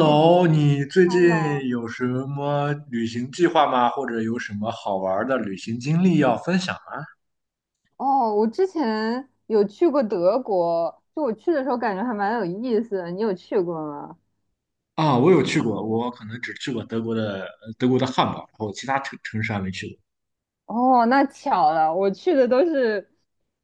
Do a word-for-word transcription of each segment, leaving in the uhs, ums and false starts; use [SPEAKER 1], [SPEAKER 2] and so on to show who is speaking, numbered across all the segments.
[SPEAKER 1] 哎，挺喜
[SPEAKER 2] 你最
[SPEAKER 1] 欢的
[SPEAKER 2] 近
[SPEAKER 1] 哦。
[SPEAKER 2] 有什么旅行计划吗？或者有什么好玩儿的旅行经历要分享吗？
[SPEAKER 1] 哦，我之前有去过德国，就我去的时候感觉还蛮有意思的。你有去过吗？
[SPEAKER 2] 啊，我有去过，我可能只去过德国的呃德国的汉堡，然后其他城城市还没去
[SPEAKER 1] 哦，那巧了，我去的都是，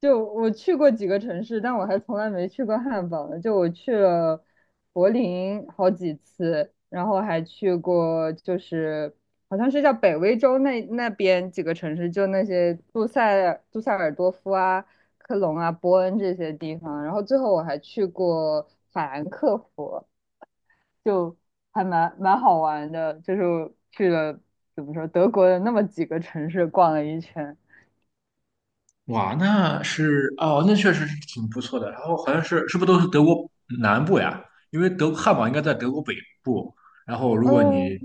[SPEAKER 1] 就我去过几个城市，但我还从来没去过汉堡呢。就我去了柏林好几次，然后还去过就是好像是叫北威州那那边几个城市，就那些杜塞尔杜塞尔多夫啊、科隆啊、波恩这些地方。然后最后我还去过法兰克福，就还蛮蛮好玩的，就是去了怎么说德国的那么几个城市逛了一圈。
[SPEAKER 2] 过。哇，那是哦，那确实是挺不错的。然后好像是是不是都是德国南部呀？因为德汉堡应该在德国北部。然后如果
[SPEAKER 1] 呃，
[SPEAKER 2] 你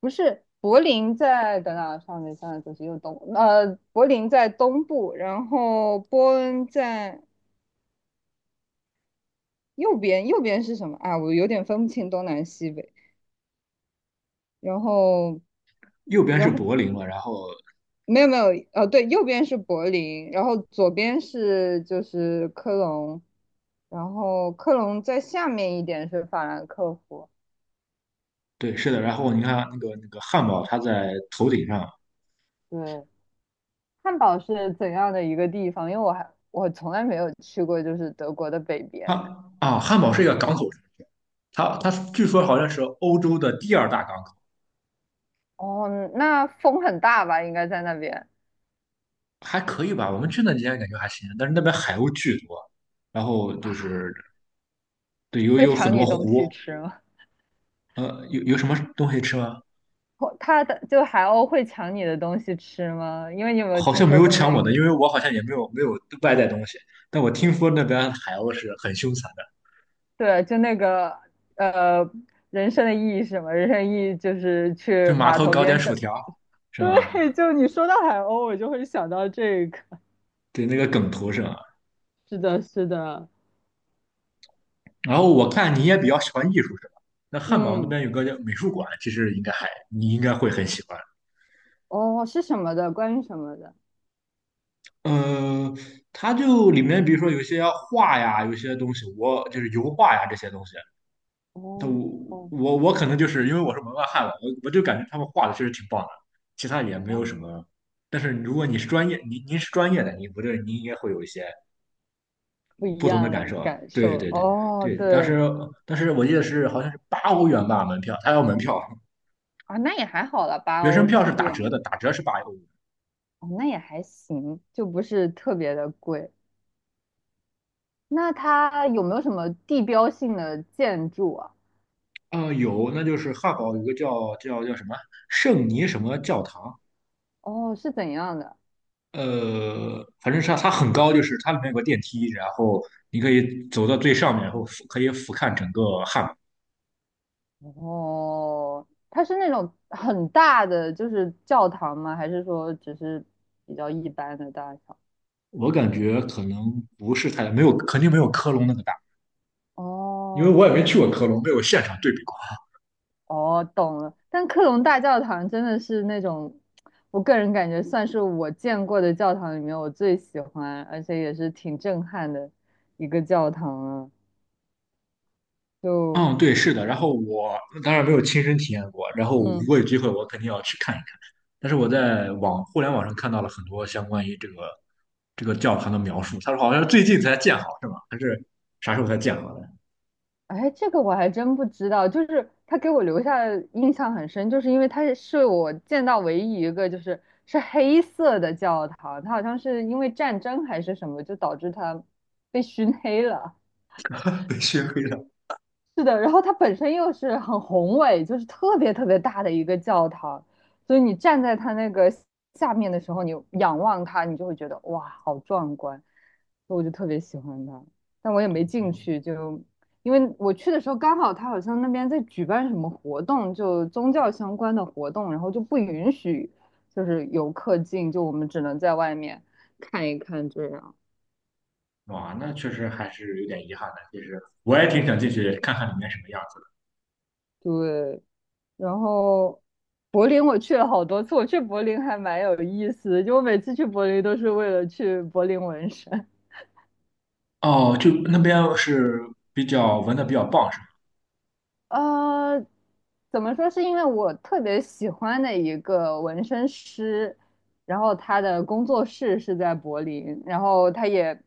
[SPEAKER 1] 不是，柏林在等等，上面现在就是右东，呃，柏林在东部，然后波恩在右边，右边是什么啊？我有点分不清东南西北。然后，
[SPEAKER 2] 右边是
[SPEAKER 1] 然后
[SPEAKER 2] 柏林嘛，然后
[SPEAKER 1] 没有没有，呃，对，右边是柏林，然后左边是就是科隆，然后科隆在下面一点是法兰克福。
[SPEAKER 2] 对，是的，然后你看那个那个汉堡，它在头顶上，
[SPEAKER 1] 对，汉堡是怎样的一个地方？因为我还我从来没有去过，就是德国的北边呢。
[SPEAKER 2] 汉啊，汉堡是一个港口，它它据说好像是欧洲的第二大港口，
[SPEAKER 1] 哦，那风很大吧？应该在那边
[SPEAKER 2] 还可以吧？我们去那几天感觉还行，但是那边海鸥巨多，然后就是
[SPEAKER 1] 啊，
[SPEAKER 2] 对，有
[SPEAKER 1] 会
[SPEAKER 2] 有很
[SPEAKER 1] 抢
[SPEAKER 2] 多
[SPEAKER 1] 你东西
[SPEAKER 2] 湖，
[SPEAKER 1] 吃吗？
[SPEAKER 2] 呃，有有什么东西吃吗？
[SPEAKER 1] 哦，它的就海鸥会抢你的东西吃吗？因为你有没有
[SPEAKER 2] 好
[SPEAKER 1] 听
[SPEAKER 2] 像没
[SPEAKER 1] 说
[SPEAKER 2] 有
[SPEAKER 1] 过那
[SPEAKER 2] 抢我的，
[SPEAKER 1] 个？
[SPEAKER 2] 因为我好像也没有没有外带东西，但我听说那边海鸥是很凶残的，
[SPEAKER 1] 对，就那个呃，人生的意义是什么？人生的意义就是去
[SPEAKER 2] 就码
[SPEAKER 1] 码
[SPEAKER 2] 头
[SPEAKER 1] 头
[SPEAKER 2] 搞点
[SPEAKER 1] 边找。
[SPEAKER 2] 薯条 是吗？
[SPEAKER 1] 对，就你说到海鸥，我就会想到这个。
[SPEAKER 2] 对，那个梗图是吗？
[SPEAKER 1] 是的，是的，
[SPEAKER 2] 然后我看你也比较喜欢艺术是吧？那汉堡那
[SPEAKER 1] 嗯，
[SPEAKER 2] 边有个叫美术馆，其实应该还你应该会很喜欢。
[SPEAKER 1] 哦，是什么的？关于什么的？
[SPEAKER 2] 呃，它就里面比如说有些画呀，有些东西，我就是油画呀这些东西，都
[SPEAKER 1] 哦哦
[SPEAKER 2] 我我可能就是因为我是门外汉了，我我就感觉他们画的确实挺棒的，其他也没
[SPEAKER 1] 哦，
[SPEAKER 2] 有什么。但是如果你是专业，您您是专业的，你不对，您应该会有一些
[SPEAKER 1] 不一
[SPEAKER 2] 不同的
[SPEAKER 1] 样
[SPEAKER 2] 感
[SPEAKER 1] 的
[SPEAKER 2] 受。
[SPEAKER 1] 感
[SPEAKER 2] 对
[SPEAKER 1] 受。
[SPEAKER 2] 对对
[SPEAKER 1] 哦，
[SPEAKER 2] 对，当
[SPEAKER 1] 对，
[SPEAKER 2] 时但是我记得是好像是八欧元吧门票，他要门票，
[SPEAKER 1] 啊，那也还好了，八
[SPEAKER 2] 学生
[SPEAKER 1] 欧
[SPEAKER 2] 票
[SPEAKER 1] 其
[SPEAKER 2] 是
[SPEAKER 1] 实
[SPEAKER 2] 打
[SPEAKER 1] 也没
[SPEAKER 2] 折
[SPEAKER 1] 有，
[SPEAKER 2] 的，打折是八欧元。
[SPEAKER 1] 哦，那也还行，就不是特别的贵。那它有没有什么地标性的建筑啊？
[SPEAKER 2] 嗯，有，那就是汉堡有个叫叫叫什么圣尼什么教堂，
[SPEAKER 1] 哦，是怎样的？
[SPEAKER 2] 呃，反正是它它很高，就是它里面有个电梯，然后你可以走到最上面，然后俯可以俯瞰整个汉堡。
[SPEAKER 1] 哦，它是那种很大的，就是教堂吗？还是说只是比较一般的大小？
[SPEAKER 2] 我感觉可能不是太没有，肯定没有科隆那么大，因为
[SPEAKER 1] 哦，
[SPEAKER 2] 我也没去过科隆，没有现场对比过。
[SPEAKER 1] 哦，懂了。但克隆大教堂真的是那种，我个人感觉算是我见过的教堂里面我最喜欢，而且也是挺震撼的一个教堂了。就，
[SPEAKER 2] 嗯，对，是的。然后我当然没有亲身体验过，然后如
[SPEAKER 1] 嗯，
[SPEAKER 2] 果有机会，我肯定要去看一看。但是我在网互联网上看到了很多相关于这个这个教堂的描述，他说好像最近才建好，是吗？还是啥时候才建好的？
[SPEAKER 1] 哎，这个我还真不知道。就是他给我留下的印象很深，就是因为他是我见到唯一一个就是是黑色的教堂，它好像是因为战争还是什么，就导致它被熏黑了。
[SPEAKER 2] 被熏黑了。
[SPEAKER 1] 是的，然后它本身又是很宏伟，就是特别特别大的一个教堂，所以你站在它那个下面的时候，你仰望它，你就会觉得哇，好壮观，所以我就特别喜欢它，但我也没进去，就因为我去的时候刚好它好像那边在举办什么活动，就宗教相关的活动，然后就不允许就是游客进，就我们只能在外面看一看这样。
[SPEAKER 2] 哇，那确实还是有点遗憾的。其实我也挺想进去看看里面什么样子
[SPEAKER 1] 对，然后柏林我去了好多次，我去柏林还蛮有意思的，就我每次去柏林都是为了去柏林纹身。
[SPEAKER 2] 的。哦，就那边是比较纹的比较棒，是吗？
[SPEAKER 1] 呃，怎么说？是因为我特别喜欢的一个纹身师，然后他的工作室是在柏林，然后他也，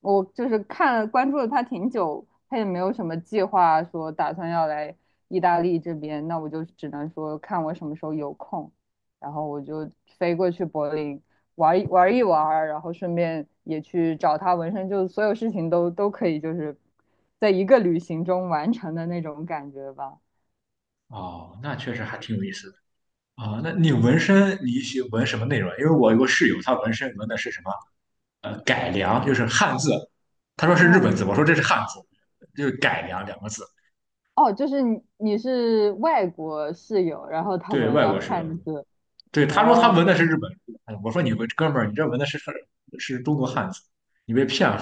[SPEAKER 1] 我就是看了关注了他挺久，他也没有什么计划说打算要来意大利这边，那我就只能说看我什么时候有空，然后我就飞过去柏林玩一玩一玩然后顺便也去找他纹身，就所有事情都都可以，就是在一个旅行中完成的那种感觉吧。
[SPEAKER 2] 哦，那确实还挺有意思的。啊、那你纹身你喜纹什么内容啊？因为我有个室友，他纹身纹的是什么？呃，改良，就是汉字。他说是日本
[SPEAKER 1] 哦
[SPEAKER 2] 字，我说这是汉字，就是改良两个字。
[SPEAKER 1] 哦，就是你你是外国室友，然后他
[SPEAKER 2] 对
[SPEAKER 1] 纹
[SPEAKER 2] 外
[SPEAKER 1] 了
[SPEAKER 2] 国室友，
[SPEAKER 1] 汉字。
[SPEAKER 2] 对他说他
[SPEAKER 1] 哦
[SPEAKER 2] 纹的是日本字，哎我说你纹哥们儿，你这纹的是是是中国汉字，你被骗了。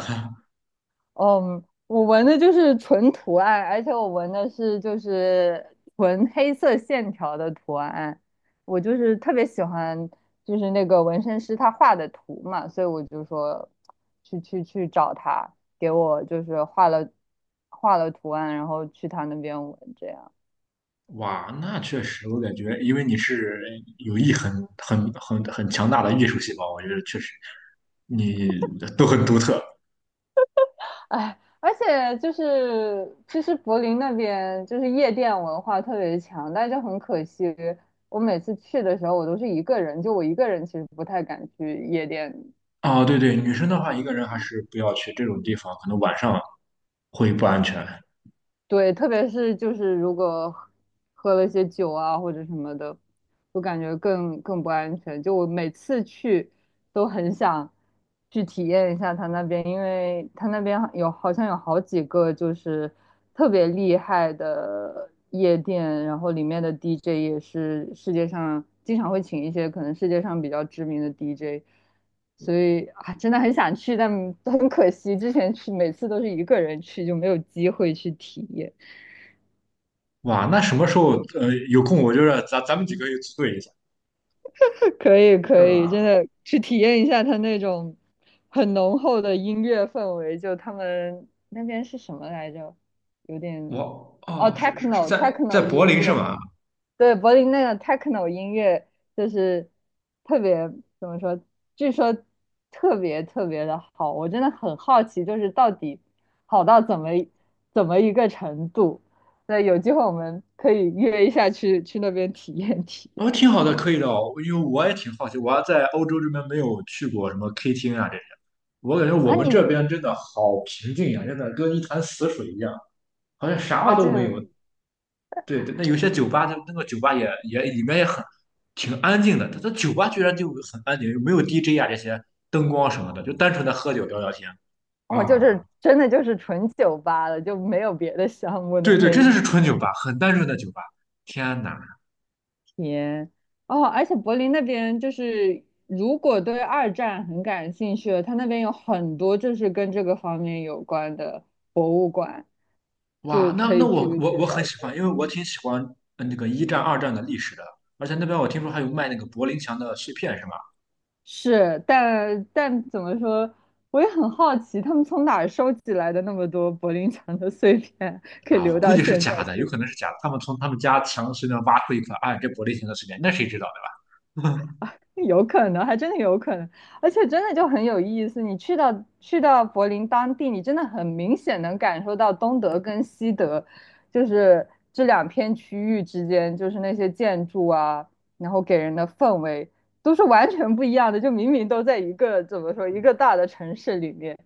[SPEAKER 1] 嗯，我纹的就是纯图案，而且我纹的是就是纯黑色线条的图案。我就是特别喜欢，就是那个纹身师他画的图嘛，所以我就说去去去找他，给我就是画了画了图案，然后去他那边纹这样。
[SPEAKER 2] 哇，那确实，我感觉，因为你是有意很很很很强大的艺术细胞，我觉得确实你都很独特
[SPEAKER 1] 哎，而且就是，其实柏林那边就是夜店文化特别强，但就很可惜，我每次去的时候我都是一个人，就我一个人其实不太敢去夜店，
[SPEAKER 2] 啊。对对，女
[SPEAKER 1] 所以
[SPEAKER 2] 生的
[SPEAKER 1] 就
[SPEAKER 2] 话，
[SPEAKER 1] 很
[SPEAKER 2] 一个
[SPEAKER 1] 遗
[SPEAKER 2] 人还
[SPEAKER 1] 憾。
[SPEAKER 2] 是不要去这种地方，可能晚上会不安全。
[SPEAKER 1] 对，特别是就是如果喝喝了些酒啊或者什么的，我感觉更更不安全。就我每次去都很想去体验一下他那边，因为他那边有好像有好几个就是特别厉害的夜店，然后里面的 D J 也是世界上经常会请一些可能世界上比较知名的 D J，所以啊真的很想去，但很可惜之前去每次都是一个人去，就没有机会去体验。
[SPEAKER 2] 哇，那什么时候呃有空，我觉得咱咱们几个也组队一下，
[SPEAKER 1] 可以
[SPEAKER 2] 是
[SPEAKER 1] 可以，真
[SPEAKER 2] 吧？
[SPEAKER 1] 的去体验一下它那种很浓厚的音乐氛围。就他们那边是什么来着？有点
[SPEAKER 2] 我
[SPEAKER 1] 哦
[SPEAKER 2] 哦，是是是
[SPEAKER 1] ，techno
[SPEAKER 2] 在在
[SPEAKER 1] techno
[SPEAKER 2] 柏
[SPEAKER 1] 音
[SPEAKER 2] 林是
[SPEAKER 1] 乐，
[SPEAKER 2] 吗？
[SPEAKER 1] 对，柏林那个 techno 音乐就是特别怎么说？据说特别特别的好，我真的很好奇，就是到底好到怎么怎么一个程度？对，有机会我们可以约一下去去那边体验体验
[SPEAKER 2] 哦，挺好的，可以的哦，因为我也挺好奇，我还在欧洲这边没有去过什么 K 厅啊这些，我感觉我
[SPEAKER 1] 啊
[SPEAKER 2] 们这
[SPEAKER 1] 你！
[SPEAKER 2] 边真的好平静呀、真的跟一潭死水一样，好像啥
[SPEAKER 1] 哦，
[SPEAKER 2] 都
[SPEAKER 1] 这
[SPEAKER 2] 没
[SPEAKER 1] 个
[SPEAKER 2] 有。对对，那有些酒吧，它那个酒吧也也里面也很挺安静的，它它酒吧居然就很安静，没有 D J 啊这些灯光什么的，就单纯的喝酒聊聊天
[SPEAKER 1] 哦，就
[SPEAKER 2] 啊。
[SPEAKER 1] 是真的就是纯酒吧了，就没有别的项目的
[SPEAKER 2] 对对，
[SPEAKER 1] 那
[SPEAKER 2] 真的
[SPEAKER 1] 种。
[SPEAKER 2] 是纯酒吧，很单纯的酒吧。天哪！
[SPEAKER 1] 天，哦，而且柏林那边就是，如果对二战很感兴趣的，他那边有很多就是跟这个方面有关的博物馆，
[SPEAKER 2] 哇，
[SPEAKER 1] 就
[SPEAKER 2] 那
[SPEAKER 1] 可
[SPEAKER 2] 那
[SPEAKER 1] 以
[SPEAKER 2] 我
[SPEAKER 1] 去
[SPEAKER 2] 我
[SPEAKER 1] 去
[SPEAKER 2] 我很
[SPEAKER 1] 了
[SPEAKER 2] 喜欢，
[SPEAKER 1] 解。
[SPEAKER 2] 因为我挺喜欢呃那个一战、二战的历史的，而且那边我听说还有卖那个柏林墙的碎片，是吧？
[SPEAKER 1] 是，但但怎么说，我也很好奇，他们从哪儿收集来的那么多柏林墙的碎片，可以
[SPEAKER 2] 啊，我
[SPEAKER 1] 留
[SPEAKER 2] 估
[SPEAKER 1] 到
[SPEAKER 2] 计是
[SPEAKER 1] 现在
[SPEAKER 2] 假的，有
[SPEAKER 1] 去。
[SPEAKER 2] 可能是假的。他们从他们家墙随便挖出一块，啊，这柏林墙的碎片，那谁知道，对吧？
[SPEAKER 1] 有可能，还真的有可能，而且真的就很有意思。你去到去到柏林当地，你真的很明显能感受到东德跟西德，就是这两片区域之间，就是那些建筑啊，然后给人的氛围都是完全不一样的。就明明都在一个怎么说一个大的城市里面，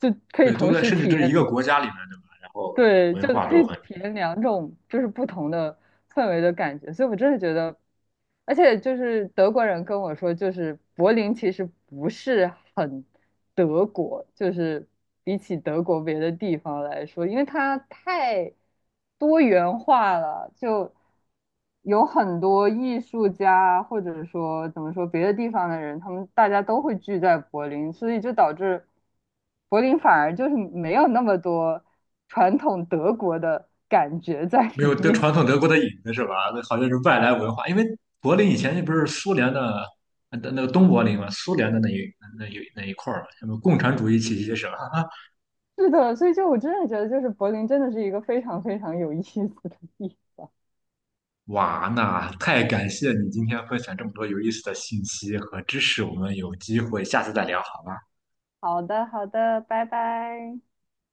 [SPEAKER 1] 就可以
[SPEAKER 2] 对，都
[SPEAKER 1] 同
[SPEAKER 2] 在，
[SPEAKER 1] 时
[SPEAKER 2] 甚至
[SPEAKER 1] 体
[SPEAKER 2] 这是一个
[SPEAKER 1] 验。
[SPEAKER 2] 国家里面，对吧？然后
[SPEAKER 1] 对，
[SPEAKER 2] 文
[SPEAKER 1] 就是
[SPEAKER 2] 化
[SPEAKER 1] 可
[SPEAKER 2] 都
[SPEAKER 1] 以
[SPEAKER 2] 很
[SPEAKER 1] 体验两种就是不同的氛围的感觉，所以我真的觉得，而且就是德国人跟我说，就是柏林其实不是很德国，就是比起德国别的地方来说，因为它太多元化了，就。有很多艺术家，或者说怎么说别的地方的人，他们大家都会聚在柏林，所以就导致柏林反而就是没有那么多传统德国的感觉在
[SPEAKER 2] 没
[SPEAKER 1] 里
[SPEAKER 2] 有德
[SPEAKER 1] 面。
[SPEAKER 2] 传统德国的影子，是吧？那好像是外来文化，因为柏林以前那不是苏联的呃那个东柏林嘛，苏联的那一那一那一块儿嘛，什么共产主义气息是吧？
[SPEAKER 1] 是的，所以就我真的觉得，就是柏林真的是一个非常非常有意思的地方。
[SPEAKER 2] 哇，那太感谢你今天分享这么多有意思的信息和知识，我们有机会下次再聊好吗？
[SPEAKER 1] 好的，好的，拜拜。